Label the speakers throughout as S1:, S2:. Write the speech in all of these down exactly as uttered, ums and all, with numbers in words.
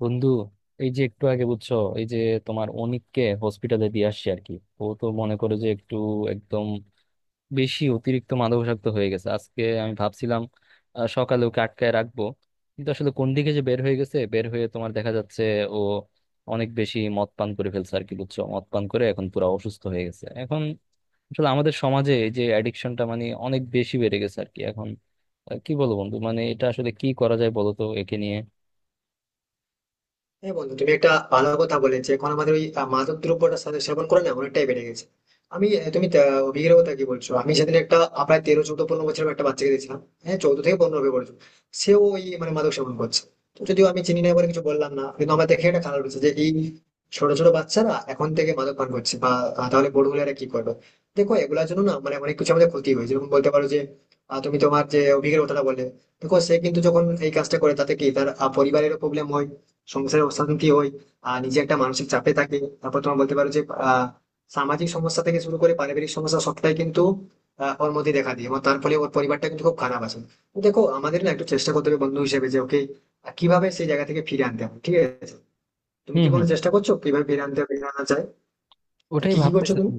S1: বন্ধু, এই যে একটু আগে বুঝছো, এই যে তোমার অনিককে হসপিটালে দিয়ে আসছি আর কি। ও তো মনে করে যে একটু একদম বেশি অতিরিক্ত মাদকাসক্ত হয়ে গেছে। আজকে আমি ভাবছিলাম আহ, সকালে ওকে আটকায় রাখবো, কিন্তু আসলে কোন দিকে যে বের হয়ে গেছে বের হয়ে, তোমার দেখা যাচ্ছে ও অনেক বেশি মদ পান করে ফেলছে আর কি। বুঝছো, মদ পান করে এখন পুরো অসুস্থ হয়ে গেছে এখন। আসলে আমাদের সমাজে এই যে অ্যাডিকশনটা, মানে অনেক বেশি বেড়ে গেছে আর কি এখন। আহ, কি বলবো বন্ধু, মানে এটা আসলে কি করা যায় বলো তো একে নিয়ে।
S2: হ্যাঁ বন্ধু তুমি একটা ভালো কথা বলে যে এখন আমাদের ওই আহ, মাদক দ্রব্যটা সা- সেবন করে না অনেকটাই বেড়ে গেছে। আমি আহ, তুমি তা- অভিজ্ঞের কথা কি বলছো? আমি সেদিন একটা আহ, প্রায় তেরো চৌদ্দ পনেরো বছরের একটা বাচ্চাকে দেখছিলাম। হ্যাঁ, চৌদ্দ থেকে পনেরো হবে বলছো। সেও ওই মানে মাদক সেবন করছে। তো যদিও আমি চিনি না বলে কিছু বললাম না, কিন্তু আমার দেখে একটা খারাপ হচ্ছে যে এই ছোট ছোট বাচ্চারা এখন থেকে মাদক পান করছে বা আহ, তাহলে বড় হলে এরা কি করবে? দেখো এগুলোর জন্য না মানে অনেক কিছু আমাদের ক্ষতি হয়েছে, যেমন বলতে পারো যে আহ, তুমি তোমার যে অভিজ্ঞের কথাটা বলে, দেখো সে কিন্তু যখন এই কাজটা করে তাতে কি তার আহ, পরিবারেরও প্রবলেম হয়, সংসারের অশান্তি হয়, আর নিজে একটা মানসিক চাপে থাকে। তারপর তোমার বলতে পারো যে আহ সামাজিক সমস্যা থেকে শুরু করে পারিবারিক সমস্যা সবটাই কিন্তু আহ, ওর মধ্যে দেখা দিই, এবং তার ফলে ওর পরিবারটা কিন্তু খুব খারাপ আছে। তো দেখো আমাদের না একটু চেষ্টা করতে হবে বন্ধু হিসেবে যে ওকে আহ, কিভাবে সেই জায়গা থেকে ফিরে আনতে হবে, ঠিক আছে? তুমি কি কোনো চেষ্টা করছো, কিভাবে ফিরে আনতে হবে, ফিরে আনা যায়? তা
S1: ওটাই
S2: কি কি করছো
S1: ভাবতেছি
S2: তুমি?
S1: আমি।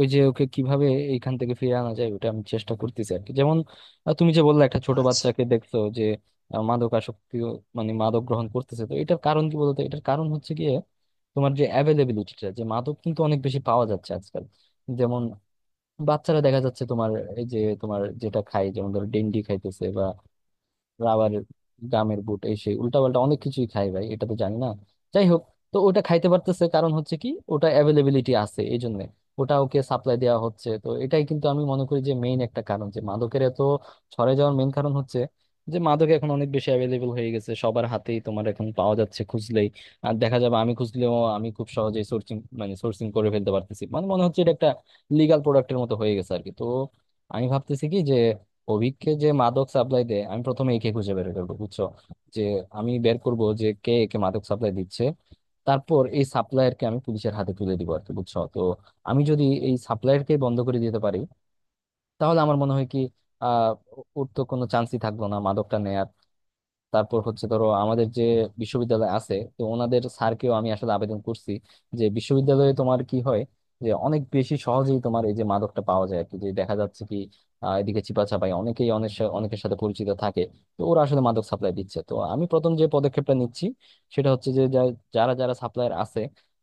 S1: ওই যে ওকে কিভাবে এইখান থেকে ফিরে আনা যায়, ওটা আমি চেষ্টা করতেছি আর কি। যেমন আহ, তুমি যে বললে একটা ছোট
S2: আচ্ছা।
S1: বাচ্চাকে দেখছো, যে আহ, মাদক আসক্তি, মানে মাদক গ্রহণ করতেছে, তো এটার কারণ কি বলতো? এটার কারণ হচ্ছে গিয়ে তোমার যে অ্যাভেলেবিলিটিটা, যে মাদক কিন্তু অনেক বেশি পাওয়া যাচ্ছে আজকাল। যেমন বাচ্চারা দেখা যাচ্ছে তোমার এই যে তোমার যেটা খায়, যেমন ধরো ডেন্ডি খাইতেছে, রাবারের গামের বুট, এই সেই উল্টাপাল্টা অনেক কিছুই খাই ভাই, এটা তো জানি না। যাই হোক, তো ওটা খাইতে পারতেছে কারণ হচ্ছে কি ওটা অ্যাভেলেবিলিটি আছে এই জন্য। ওটা ওকে সাপ্লাই দেওয়া হচ্ছে। তো এটাই কিন্তু আমি মনে করি যে মেইন একটা কারণ, যে মাদকের এত ছড়ে যাওয়ার মেইন কারণ হচ্ছে যে মাদক এখন অনেক বেশি অ্যাভেলেবল হয়ে গেছে। সবার হাতেই তোমার এখন পাওয়া যাচ্ছে খুঁজলেই। আর দেখা যাবে আমি খুঁজলেও আমি খুব সহজেই সোর্সিং, মানে সোর্সিং করে ফেলতে পারতেছি। মানে মনে হচ্ছে এটা একটা লিগাল প্রোডাক্টের মতো হয়ে গেছে আর কি। তো আমি ভাবতেছি কি যে অভিককে যে মাদক সাপ্লাই দেয়, আমি প্রথমে একে খুঁজে বের করবো। বুঝছো, যে আমি বের করব যে কে একে মাদক সাপ্লাই দিচ্ছে। তারপর এই সাপ্লায়ারকে আমি পুলিশের হাতে তুলে দিব আর কি। বুঝছো, তো আমি যদি এই সাপ্লায়ারকে বন্ধ করে দিতে পারি, তাহলে আমার মনে হয় কি আহ ওর তো কোনো চান্সই থাকলো না মাদকটা নেয়ার। তারপর হচ্ছে ধরো, আমাদের যে বিশ্ববিদ্যালয় আছে, তো ওনাদের স্যারকেও আমি আসলে আবেদন করছি যে বিশ্ববিদ্যালয়ে তোমার কি হয় যে অনেক বেশি সহজেই তোমার এই যে মাদকটা পাওয়া যায় আর কি। যে দেখা যাচ্ছে কি আহ, এদিকে চিপা চাপাই অনেকেই অনেক সা- অনেকের সাথে পরিচিত থাকে। তো ওরা আসলে মাদক সাপ্লাই দিচ্ছে। তো আমি প্রথম যে পদক্ষেপটা নিচ্ছি, সেটা হচ্ছে যে যা- যারা যারা সাপ্লায়ার আছে,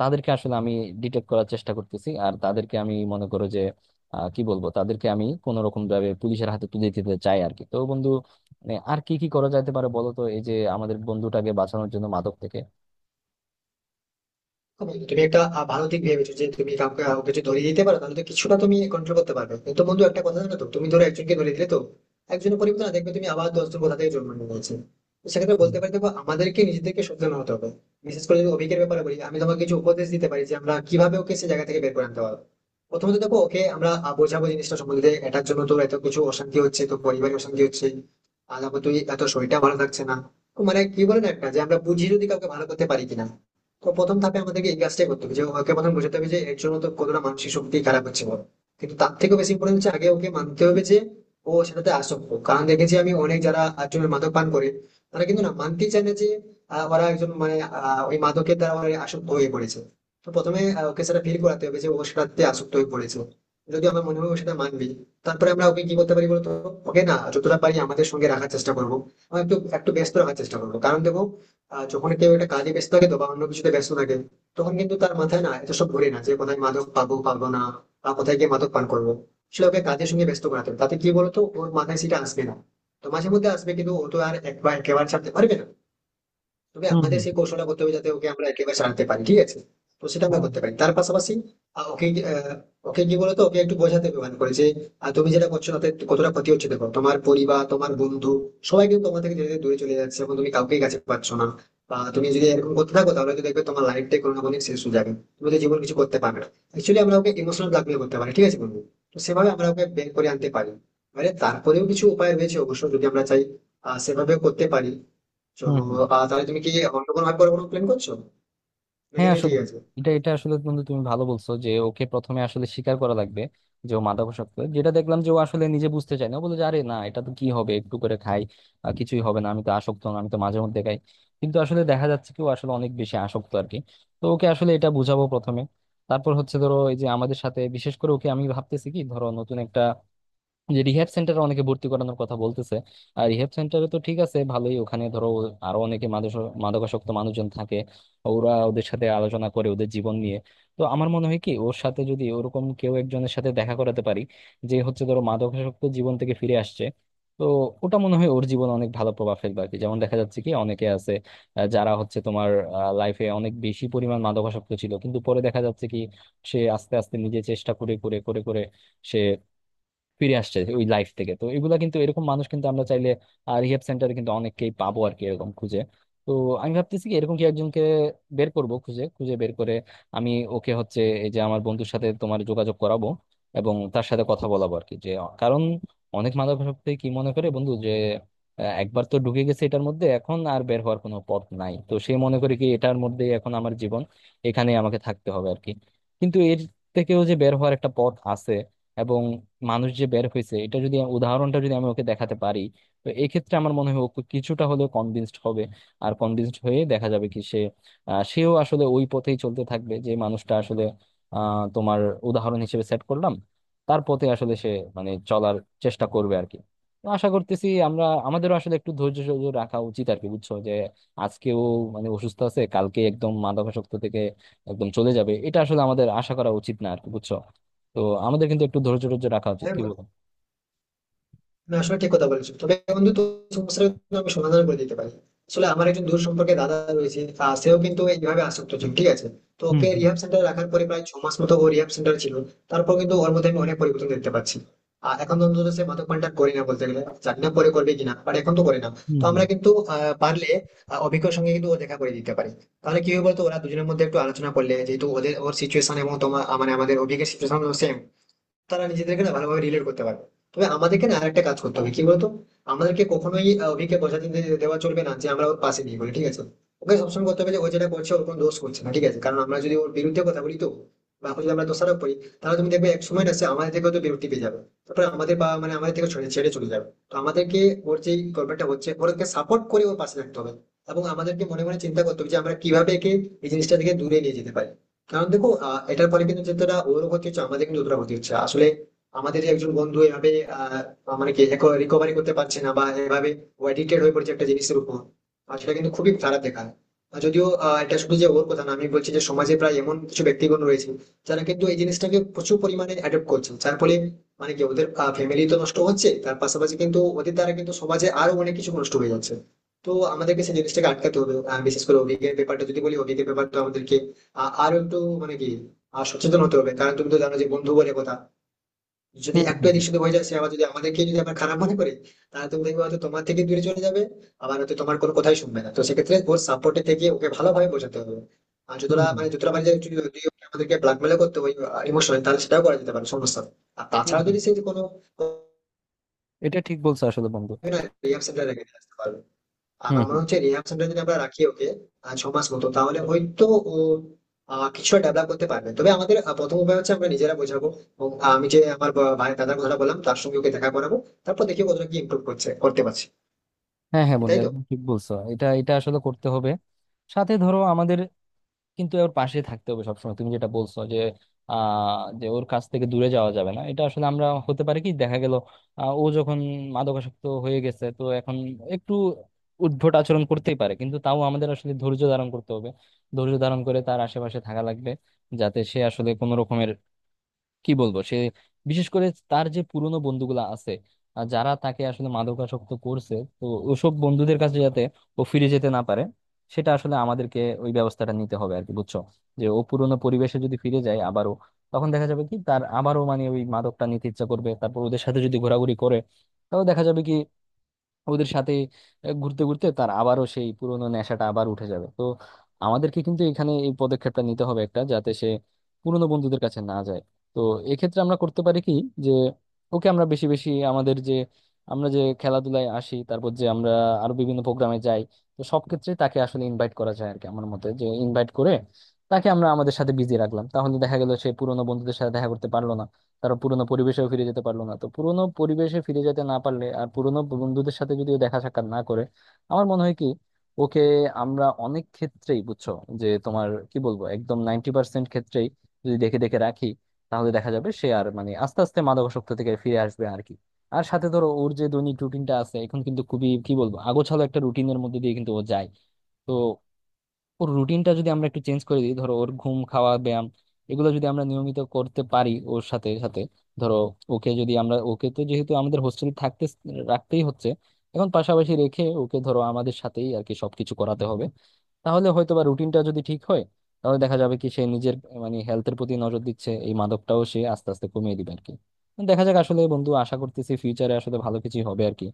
S1: তাদেরকে আসলে আমি ডিটেক্ট করার চেষ্টা করতেছি। আর তাদেরকে আমি মনে করো যে আহ, কি বলবো, তাদেরকে আমি কোনো রকম ভাবে পুলিশের হাতে তুলে দিতে চাই আর কি। তো বন্ধু, মানে আর কি কি করা যেতে পারে বলো তো, এই যে আমাদের বন্ধুটাকে বাঁচানোর জন্য মাদক থেকে।
S2: বন্ধু, তুমি একটা আহ, ভালো দিক ভেবেছো যে তুমি কাউকে আহ, কাউকে যদি ধরিয়ে দিতে পারো তাহলে তো কিছুটা তুমি কন্ট্রোল করতে পারবে, কিন্তু বন্ধু একটা কথা জানো তো, তুমি ধরো একজনকে ধরিয়ে দিলে তো একজনের পরিবর্তন না দেখবে তুমি, আবার দশজন কোথা থেকে জন্ম নিয়ে নিয়েছে। তো সেক্ষেত্রে
S1: হুম
S2: বলতে পারি, দেখো আমাদেরকে নিজেদেরকে সচেতন হতে হবে। বিশেষ করে যদি অভিজ্ঞের ব্যাপারে বলি, আমি তোমাকে কিছু উপদেশ দিতে পারি যে আমরা কিভাবে ওকে সে জায়গা থেকে বের করে আনতে পারবো। প্রথমত দেখো ওকে আমরা আহ, বোঝাবো জিনিসটা সম্বন্ধে, এটার জন্য তো এত কিছু অশান্তি হচ্ছে, তো পরিবারে অশান্তি হচ্ছে, আর তারপর তুই এত শরীরটা ভালো থাকছে না। তো মানে কি বলে না একটা যে আমরা বুঝিয়ে যদি কাউকে ভালো করতে পারি কিনা। তো প্রথম ধাপে আমাদেরকে এই কাজটাই করতে হবে যে ওকে প্রথম বোঝাতে হবে যে এর জন্য তো কতটা মানসিক শক্তি খারাপ হচ্ছে, বলো। কিন্তু তার থেকেও বেশি ইম্পর্টেন্ট হচ্ছে আগে ওকে মানতে হবে যে ও সেটাতে আসক্ত, কারণ দেখেছি আমি অনেক যারা একজন মাদক পান করে, তারা কিন্তু না মানতেই চায় না যে আহ, ওরা একজন মানে আহ, ওই মাদকের দ্বারা ওরা আসক্ত হয়ে পড়েছে। তো প্রথমে আহ, ওকে সেটা ফিল করাতে হবে যে ও সেটাতে আসক্ত হয়ে পড়েছে। যদি আমার মনে হয় ও সেটা মানবে, তারপরে আমরা ওকে কি করতে পারি বলতো, ওকে না যতটা পারি আমাদের সঙ্গে রাখার চেষ্টা করবো, আমরা একটু একটু ব্যস্ত রাখার চেষ্টা করবো। কারণ দেখো আহ, যখন কেউ একটা কাজে ব্যস্ত থাকে তো বা অন্য কিছুতে ব্যস্ত থাকে, তখন কিন্তু তার মাথায় না এত সব ঘুরে না যে কোথায় মাদক পাবো পাবো না, বা কোথায় গিয়ে মাদক পান করবো। আসলে ওকে কাজের সঙ্গে ব্যস্ত করাতে হবে। তাতে কি বলতো ওর মাথায় সেটা আসবে না, তো মাঝে মধ্যে আসবে কিন্তু ও তো আর একবার একেবারে ছাড়তে পারবে না। তবে
S1: হুম
S2: আমাদের
S1: হুম
S2: সেই কৌশলটা করতে হবে যাতে ওকে আমরা একেবারে ছাড়তে পারি, ঠিক আছে? তো সেটা আমরা
S1: হ্যাঁ.
S2: করতে পারি। তার পাশাপাশি আহ, ওকে আহ, ওকে কি বলতো ওকে একটু বোঝাতে হবে মানে করে যে আহ, তুমি যেটা করছো তাতে কতটা ক্ষতি হচ্ছে, দেখো তোমার পরিবার তোমার বন্ধু সবাই কিন্তু তোমার থেকে ধীরে ধীরে দূরে চলে যাচ্ছে এবং তুমি কাউকেই কাছে পাচ্ছ না, বা তুমি যদি এরকম করতে থাকো তাহলে তো দেখবে তোমার লাইফটাই কোনো না কোনো দিন শেষ হয়ে যাবে, তুমি তো জীবন কিছু করতে পারবে না। অ্যাকচুয়ালি আমরা ওকে ইমোশনাল ব্ল্যাকমেল করতে পারি, ঠিক আছে বন্ধু? তো সেভাবে আমরা ওকে বের করে আনতে পারি। মানে তারপরেও কিছু উপায় রয়েছে অবশ্য, যদি আমরা চাই আহ, সেভাবে করতে পারি। তো
S1: হুম হুম
S2: আহ, তাহলে তুমি কি অন্য কোনো ভাবে পরে কোনো প্ল্যান করছো, নাকি
S1: হ্যাঁ,
S2: এটা ঠিক
S1: আসলে
S2: আছে?
S1: এটা এটা আসলে বন্ধু তুমি ভালো বলছো, যে ওকে প্রথমে আসলে স্বীকার করা লাগবে যে ও মাদকাসক্ত। যেটা দেখলাম যে ও আসলে নিজে বুঝতে চায় না, ও বলে যে আরে না এটা তো কি হবে একটু করে খাই, আহ, কিছুই হবে না, আমি তো আসক্ত না, আমি তো মাঝে মধ্যে খাই। কিন্তু আসলে দেখা যাচ্ছে কি ও আসলে অনেক বেশি আসক্ত আর কি। তো ওকে আসলে এটা বুঝাবো প্রথমে। তারপর হচ্ছে ধরো এই যে আমাদের সাথে, বিশেষ করে ওকে আমি ভাবতেছি কি ধরো, নতুন একটা যে রিহ্যাব সেন্টারে অনেকে ভর্তি করানোর কথা বলতেছে। আর রিহ্যাব সেন্টারে তো ঠিক আছে, ভালোই। ওখানে ধরো আরো অনেকে মাদক- মাদকাসক্ত মানুষজন থাকে, ওরা ওদের সাথে আলোচনা করে ওদের জীবন নিয়ে। তো আমার মনে হয় কি ওর সাথে যদি ওরকম কেউ একজনের সাথে দেখা করাতে পারি, যে হচ্ছে ধরো মাদকাসক্ত জীবন থেকে ফিরে আসছে, তো ওটা মনে হয় ওর জীবনে অনেক ভালো প্রভাব ফেলবে আর কি। যেমন দেখা যাচ্ছে কি অনেকে আছে আহ, যারা হচ্ছে তোমার লাইফে অনেক বেশি পরিমাণ মাদকাসক্ত ছিল, কিন্তু পরে দেখা যাচ্ছে কি সে আস্তে আস্তে নিজে চেষ্টা করে করে করে করে সে ফিরে আসছে ওই লাইফ থেকে। তো এগুলা কিন্তু এরকম মানুষ কিন্তু আমরা চাইলে রিহেব সেন্টারে কিন্তু অনেককেই পাবো আর কি এরকম খুঁজে। তো আমি ভাবতেছি কি এরকম কি একজনকে বের করব খুঁজে, খুঁজে বের করে আমি ওকে হচ্ছে এই যে আমার বন্ধুর সাথে তোমার যোগাযোগ করাবো এবং তার সাথে কথা বলাবো আর কি। যে কারণ অনেক মাদকাসক্তি কি মনে করে বন্ধু যে আহ, একবার তো ঢুকে গেছে এটার মধ্যে, এখন আর বের হওয়ার কোনো পথ নাই। তো সে মনে করে কি এটার মধ্যে এখন আমার জীবন, এখানে আমাকে থাকতে হবে আর কি। কিন্তু এর থেকেও যে বের হওয়ার একটা পথ আছে এবং মানুষ যে বের হয়েছে, এটা যদি উদাহরণটা যদি আমি ওকে দেখাতে পারি, তো এই ক্ষেত্রে আমার মনে হয় ওকে কিছুটা হলেও কনভিন্সড হবে। আর কনভিন্সড হয়ে দেখা যাবে কি সে আহ, সেও আসলে ওই পথেই চলতে থাকবে, যে মানুষটা আসলে আহ তোমার উদাহরণ হিসেবে সেট করলাম, তার পথে আসলে সে মানে চলার চেষ্টা করবে আর কি। তো আশা করতেছি আমরা আমাদেরও আসলে একটু ধৈর্য সহ্য রাখা উচিত আর কি। বুঝছো যে আজকেও মানে অসুস্থ আছে, কালকে একদম মাদকাসক্ত থেকে একদম চলে যাবে, এটা আসলে আমাদের আশা করা উচিত না আর কি। বুঝছো, তো আমাদের কিন্তু একটু ধৈর্য ধৈর্য রাখা উচিত,
S2: হ্যাঁ,
S1: কি বলো?
S2: না আসলে ঠিক কথা বলেছো, তবে বন্ধু তো সমস্যার কিন্তু আমি সমাধান করে দিতে পারি। আসলে আমার একজন দূর সম্পর্কে দাদা রয়েছে, আহ, সেও কিন্তু এইভাবে আসক্ত ছিল, ঠিক আছে? তো
S1: হুম
S2: ওকে রিহাব সেন্টারে রাখার পরে প্রায় ছ মাস মতো ও রিহাব সেন্টার ছিল। তারপর কিন্তু ওর মধ্যে আমি অনেক পরিবর্তন দেখতে পাচ্ছি। আর এখন তো অন্তত সে মাদকপানটা করে না বলতে গেলে, জানি না পরে করবে কিনা, বাট এখন তো করে না।
S1: হুম
S2: তো আমরা
S1: হুম
S2: কিন্তু আহ, পারলে আহ, অভিজ্ঞর সঙ্গে কিন্তু ও দেখা করে দিতে পারি। তাহলে কি হবে বলতো, ওরা দুজনের মধ্যে একটু আলোচনা করলে, যেহেতু ওদের ওর সিচুয়েশন এবং তোমার মানে আমাদের অভিজ্ঞের সিচুয়েশন সেম, তারা নিজেদেরকে না ভালোভাবে রিলেট করতে পারবে। তবে আমাদেরকে না আরেকটা কাজ করতে হবে কি বলতো, আমাদেরকে কখনোই আহ, অভিকে বোঝাতে দে- দেওয়া চলবে না যে আমরা ওর পাশে নেই বলে, ঠিক আছে? ওকে সবসময় করতে হবে যে ও যেটা করছে ওর কোনো দোষ করছে না, ঠিক আছে? কারণ আমরা যদি ওর বিরুদ্ধে কথা বলি তো বা ওকে যদি আমরা দোষারোপ করি, তাহলে তুমি দেখবে এক সময় না সে আমাদের থেকে হয়তো বিরক্তি পেয়ে যাবে, তারপরে আমাদের বা মানে আমাদের থেকে ছেড়ে ছেড়ে চলে যাবে। তো আমাদেরকে ওর যে গভর্নমেন্টটা হচ্ছে ওরকে সাপোর্ট করে ওর পাশে থাকতে হবে, এবং আমাদেরকে মনে মনে চিন্তা করতে হবে যে আমরা কিভাবে একে এই জিনিসটা থেকে দূরে নিয়ে যেতে পারি। কারণ দেখো আহ, এটার পরে কিন্তু যেটা ওর ক্ষতি হচ্ছে আমাদের কিন্তু অতটা ক্ষতি হচ্ছে আসলে, আমাদের যে একজন বন্ধু এভাবে আহ, মানে কি রিকভারি করতে পারছে না বা এভাবে অ্যাডিক্টেড হয়ে পড়ছে একটা জিনিসের উপর, আর সেটা কিন্তু খুবই খারাপ দেখায়। আর যদিও আহ, এটা শুধু যে ওর কথা না, আমি বলছি যে সমাজে প্রায় এমন কিছু ব্যক্তিগণ রয়েছে যারা কিন্তু এই জিনিসটাকে প্রচুর পরিমাণে অ্যাডপ্ট করছে, যার ফলে মানে কি ওদের ফ্যামিলি তো নষ্ট হচ্ছে, তার পাশাপাশি কিন্তু ওদের দ্বারা কিন্তু সমাজে আরো অনেক কিছু নষ্ট হয়ে যাচ্ছে। তো আমাদেরকে সেই জিনিসটাকে আটকাতে হবে, আহ, বিশেষ করে অভিজ্ঞের ব্যাপারটা যদি বলি, অভিজ্ঞের ব্যাপারটা আমাদেরকে আ- আরো একটু মানে কি আহ, সচেতন হতে হবে, কারণ তুমি তো জানো যে বন্ধু বলে কথা, যদি
S1: হুম
S2: একটু
S1: হুম
S2: এদিক সেদিক হয়ে যায় সে আবার, যদি আমাদেরকে যদি আবার খারাপ মনে করে, তাহলে তুমি দেখবে হয়তো তোমার থেকে দূরে চলে যাবে, আবার হয়তো তোমার কোনো কথাই শুনবে না। তো সেক্ষেত্রে ওর সাপোর্টে থেকে ওকে ভালোভাবে বোঝাতে হবে, আর
S1: হুম
S2: যতটা
S1: হুম
S2: মানে যতটা মানে যদি যদি ওকে আমাদেরকে ব্ল্যাকমেল করতে হয় ইমোশনাল, তাহলে সেটাও করা যেতে পারে, সমস্যা নেই। আর
S1: হুম
S2: তাছাড়া যদি
S1: হুম।
S2: সে কোনো
S1: এটা ঠিক বলছো আসলে বন্ধু।
S2: রিয়াকশনটা রেখে আসতে পারবে,
S1: হুম
S2: আমার মনে
S1: হুম
S2: হচ্ছে রিহার্সালটা যদি আমরা রাখি ওকে আহ, ছ মাস মতো, তাহলে হয়তো ও আহ, কিছুটা ডেভেলপ করতে পারবে। তবে আমাদের আহ, প্রথম উপায় হচ্ছে আমরা নিজেরা বোঝাবো, এবং আমি যে আমার বা- ভাই দাদার কথাটা বললাম তার সঙ্গে ওকে দেখা করাবো। তারপর দেখি ও কতটা কি ইমপ্রুভ করছে, করতে পারছে
S1: হ্যাঁ, হ্যাঁ
S2: কি,
S1: বন্ধু
S2: তাই তো?
S1: একদম ঠিক বলছো, এটা এটা আসলে করতে হবে। সাথে ধরো আমাদের কিন্তু ওর পাশে থাকতে হবে সবসময়। তুমি যেটা বলছো যে আহ যে ওর কাছ থেকে দূরে যাওয়া যাবে না, এটা আসলে আমরা হতে পারে কি দেখা গেল আহ, ও যখন মাদকাসক্ত হয়ে গেছে তো এখন একটু উদ্ভট আচরণ করতেই পারে, কিন্তু তাও আমাদের আসলে ধৈর্য ধারণ করতে হবে। ধৈর্য ধারণ করে তার আশেপাশে থাকা লাগবে, যাতে সে আসলে কোনো রকমের, কি বলবো, সে বিশেষ করে তার যে পুরনো বন্ধুগুলা আছে আহ, যারা তাকে আসলে মাদকাসক্ত করছে, তো ওসব বন্ধুদের কাছে যাতে ও ফিরে যেতে না পারে, সেটা আসলে আমাদেরকে ওই ব্যবস্থাটা নিতে হবে আর কি। বুঝছো, যে ও পুরনো পরিবেশে যদি ফিরে যায় আবারও, তখন দেখা যাবে কি তার আবারও মানে ওই মাদকটা নিতে ইচ্ছা করবে। তারপর ওদের সাথে যদি ঘোরাঘুরি করে, তাহলে দেখা যাবে কি ওদের সাথে আহ, ঘুরতে ঘুরতে তার আবারও সেই পুরোনো নেশাটা আবার উঠে যাবে। তো আমাদেরকে কিন্তু এখানে এই পদক্ষেপটা নিতে হবে একটা, যাতে সে পুরোনো বন্ধুদের কাছে না যায়। তো এক্ষেত্রে আমরা করতে পারি কি যে ওকে আমরা বেশি বেশি আমাদের যে, আমরা যে খেলাধুলায় আসি, তারপর যে আমরা আরো বিভিন্ন প্রোগ্রামে যাই, তো সব ক্ষেত্রে তাকে আসলে ইনভাইট করা যায় আর কি। আমার মতে যে ইনভাইট করে তাকে আমরা আমাদের সাথে বিজি রাখলাম, তাহলে দেখা গেল সে পুরোনো বন্ধুদের সাথে দেখা করতে পারলো না, তারা পুরোনো পরিবেশেও ফিরে যেতে পারলো না। তো পুরোনো পরিবেশে ফিরে যেতে না পারলে আর পুরোনো বন্ধুদের সাথে যদি ও দেখা সাক্ষাৎ না করে, আমার মনে হয় কি ওকে আমরা অনেক ক্ষেত্রেই, বুঝছো, যে তোমার কি বলবো, একদম নাইনটি পার্সেন্ট ক্ষেত্রেই যদি দেখে দেখে রাখি, তাহলে দেখা যাবে সে আর মানে আস্তে আস্তে মাদকাসক্ত থেকে ফিরে আসবে আর কি। আর সাথে ধরো ওর যে দৈনিক রুটিনটা আছে এখন, কিন্তু খুবই কি বলবো আগোছালো একটা রুটিনের মধ্যে দিয়ে কিন্তু ও যায়। তো ওর রুটিনটা যদি আমরা একটু চেঞ্জ করে দিই, ধরো ওর ঘুম, খাওয়া, ব্যায়াম এগুলো যদি আমরা নিয়মিত করতে পারি ওর সাথে সাথে, ধরো ওকে যদি আমরা ওকে তো যেহেতু আমাদের হোস্টেলে থাকতে রাখতেই হচ্ছে এখন, পাশাপাশি রেখে ওকে ধরো আমাদের সাথেই আর কি সবকিছু করাতে হবে, তাহলে হয়তো বা রুটিনটা যদি ঠিক হয়, তাহলে দেখা যাবে কি সে নিজের মানে হেলথের প্রতি নজর দিচ্ছে, এই মাদকটাও সে আস্তে আস্তে কমিয়ে দিবে আর কি। দেখা যাক আসলে বন্ধু, আশা করতেছি ফিউচারে আসলে ভালো কিছু হবে আর কি।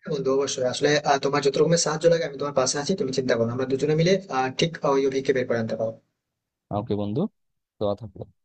S2: হ্যাঁ বন্ধু, অবশ্যই আসলে আহ, তোমার যত রকমের সাহায্য লাগে আমি তোমার পাশে আছি, তুমি চিন্তা করো না। আমরা দুজনে মিলে আহ, ঠিক আহ, ওই অভিজ্ঞকে বের করে আনতে পারবো।
S1: ওকে বন্ধু, তো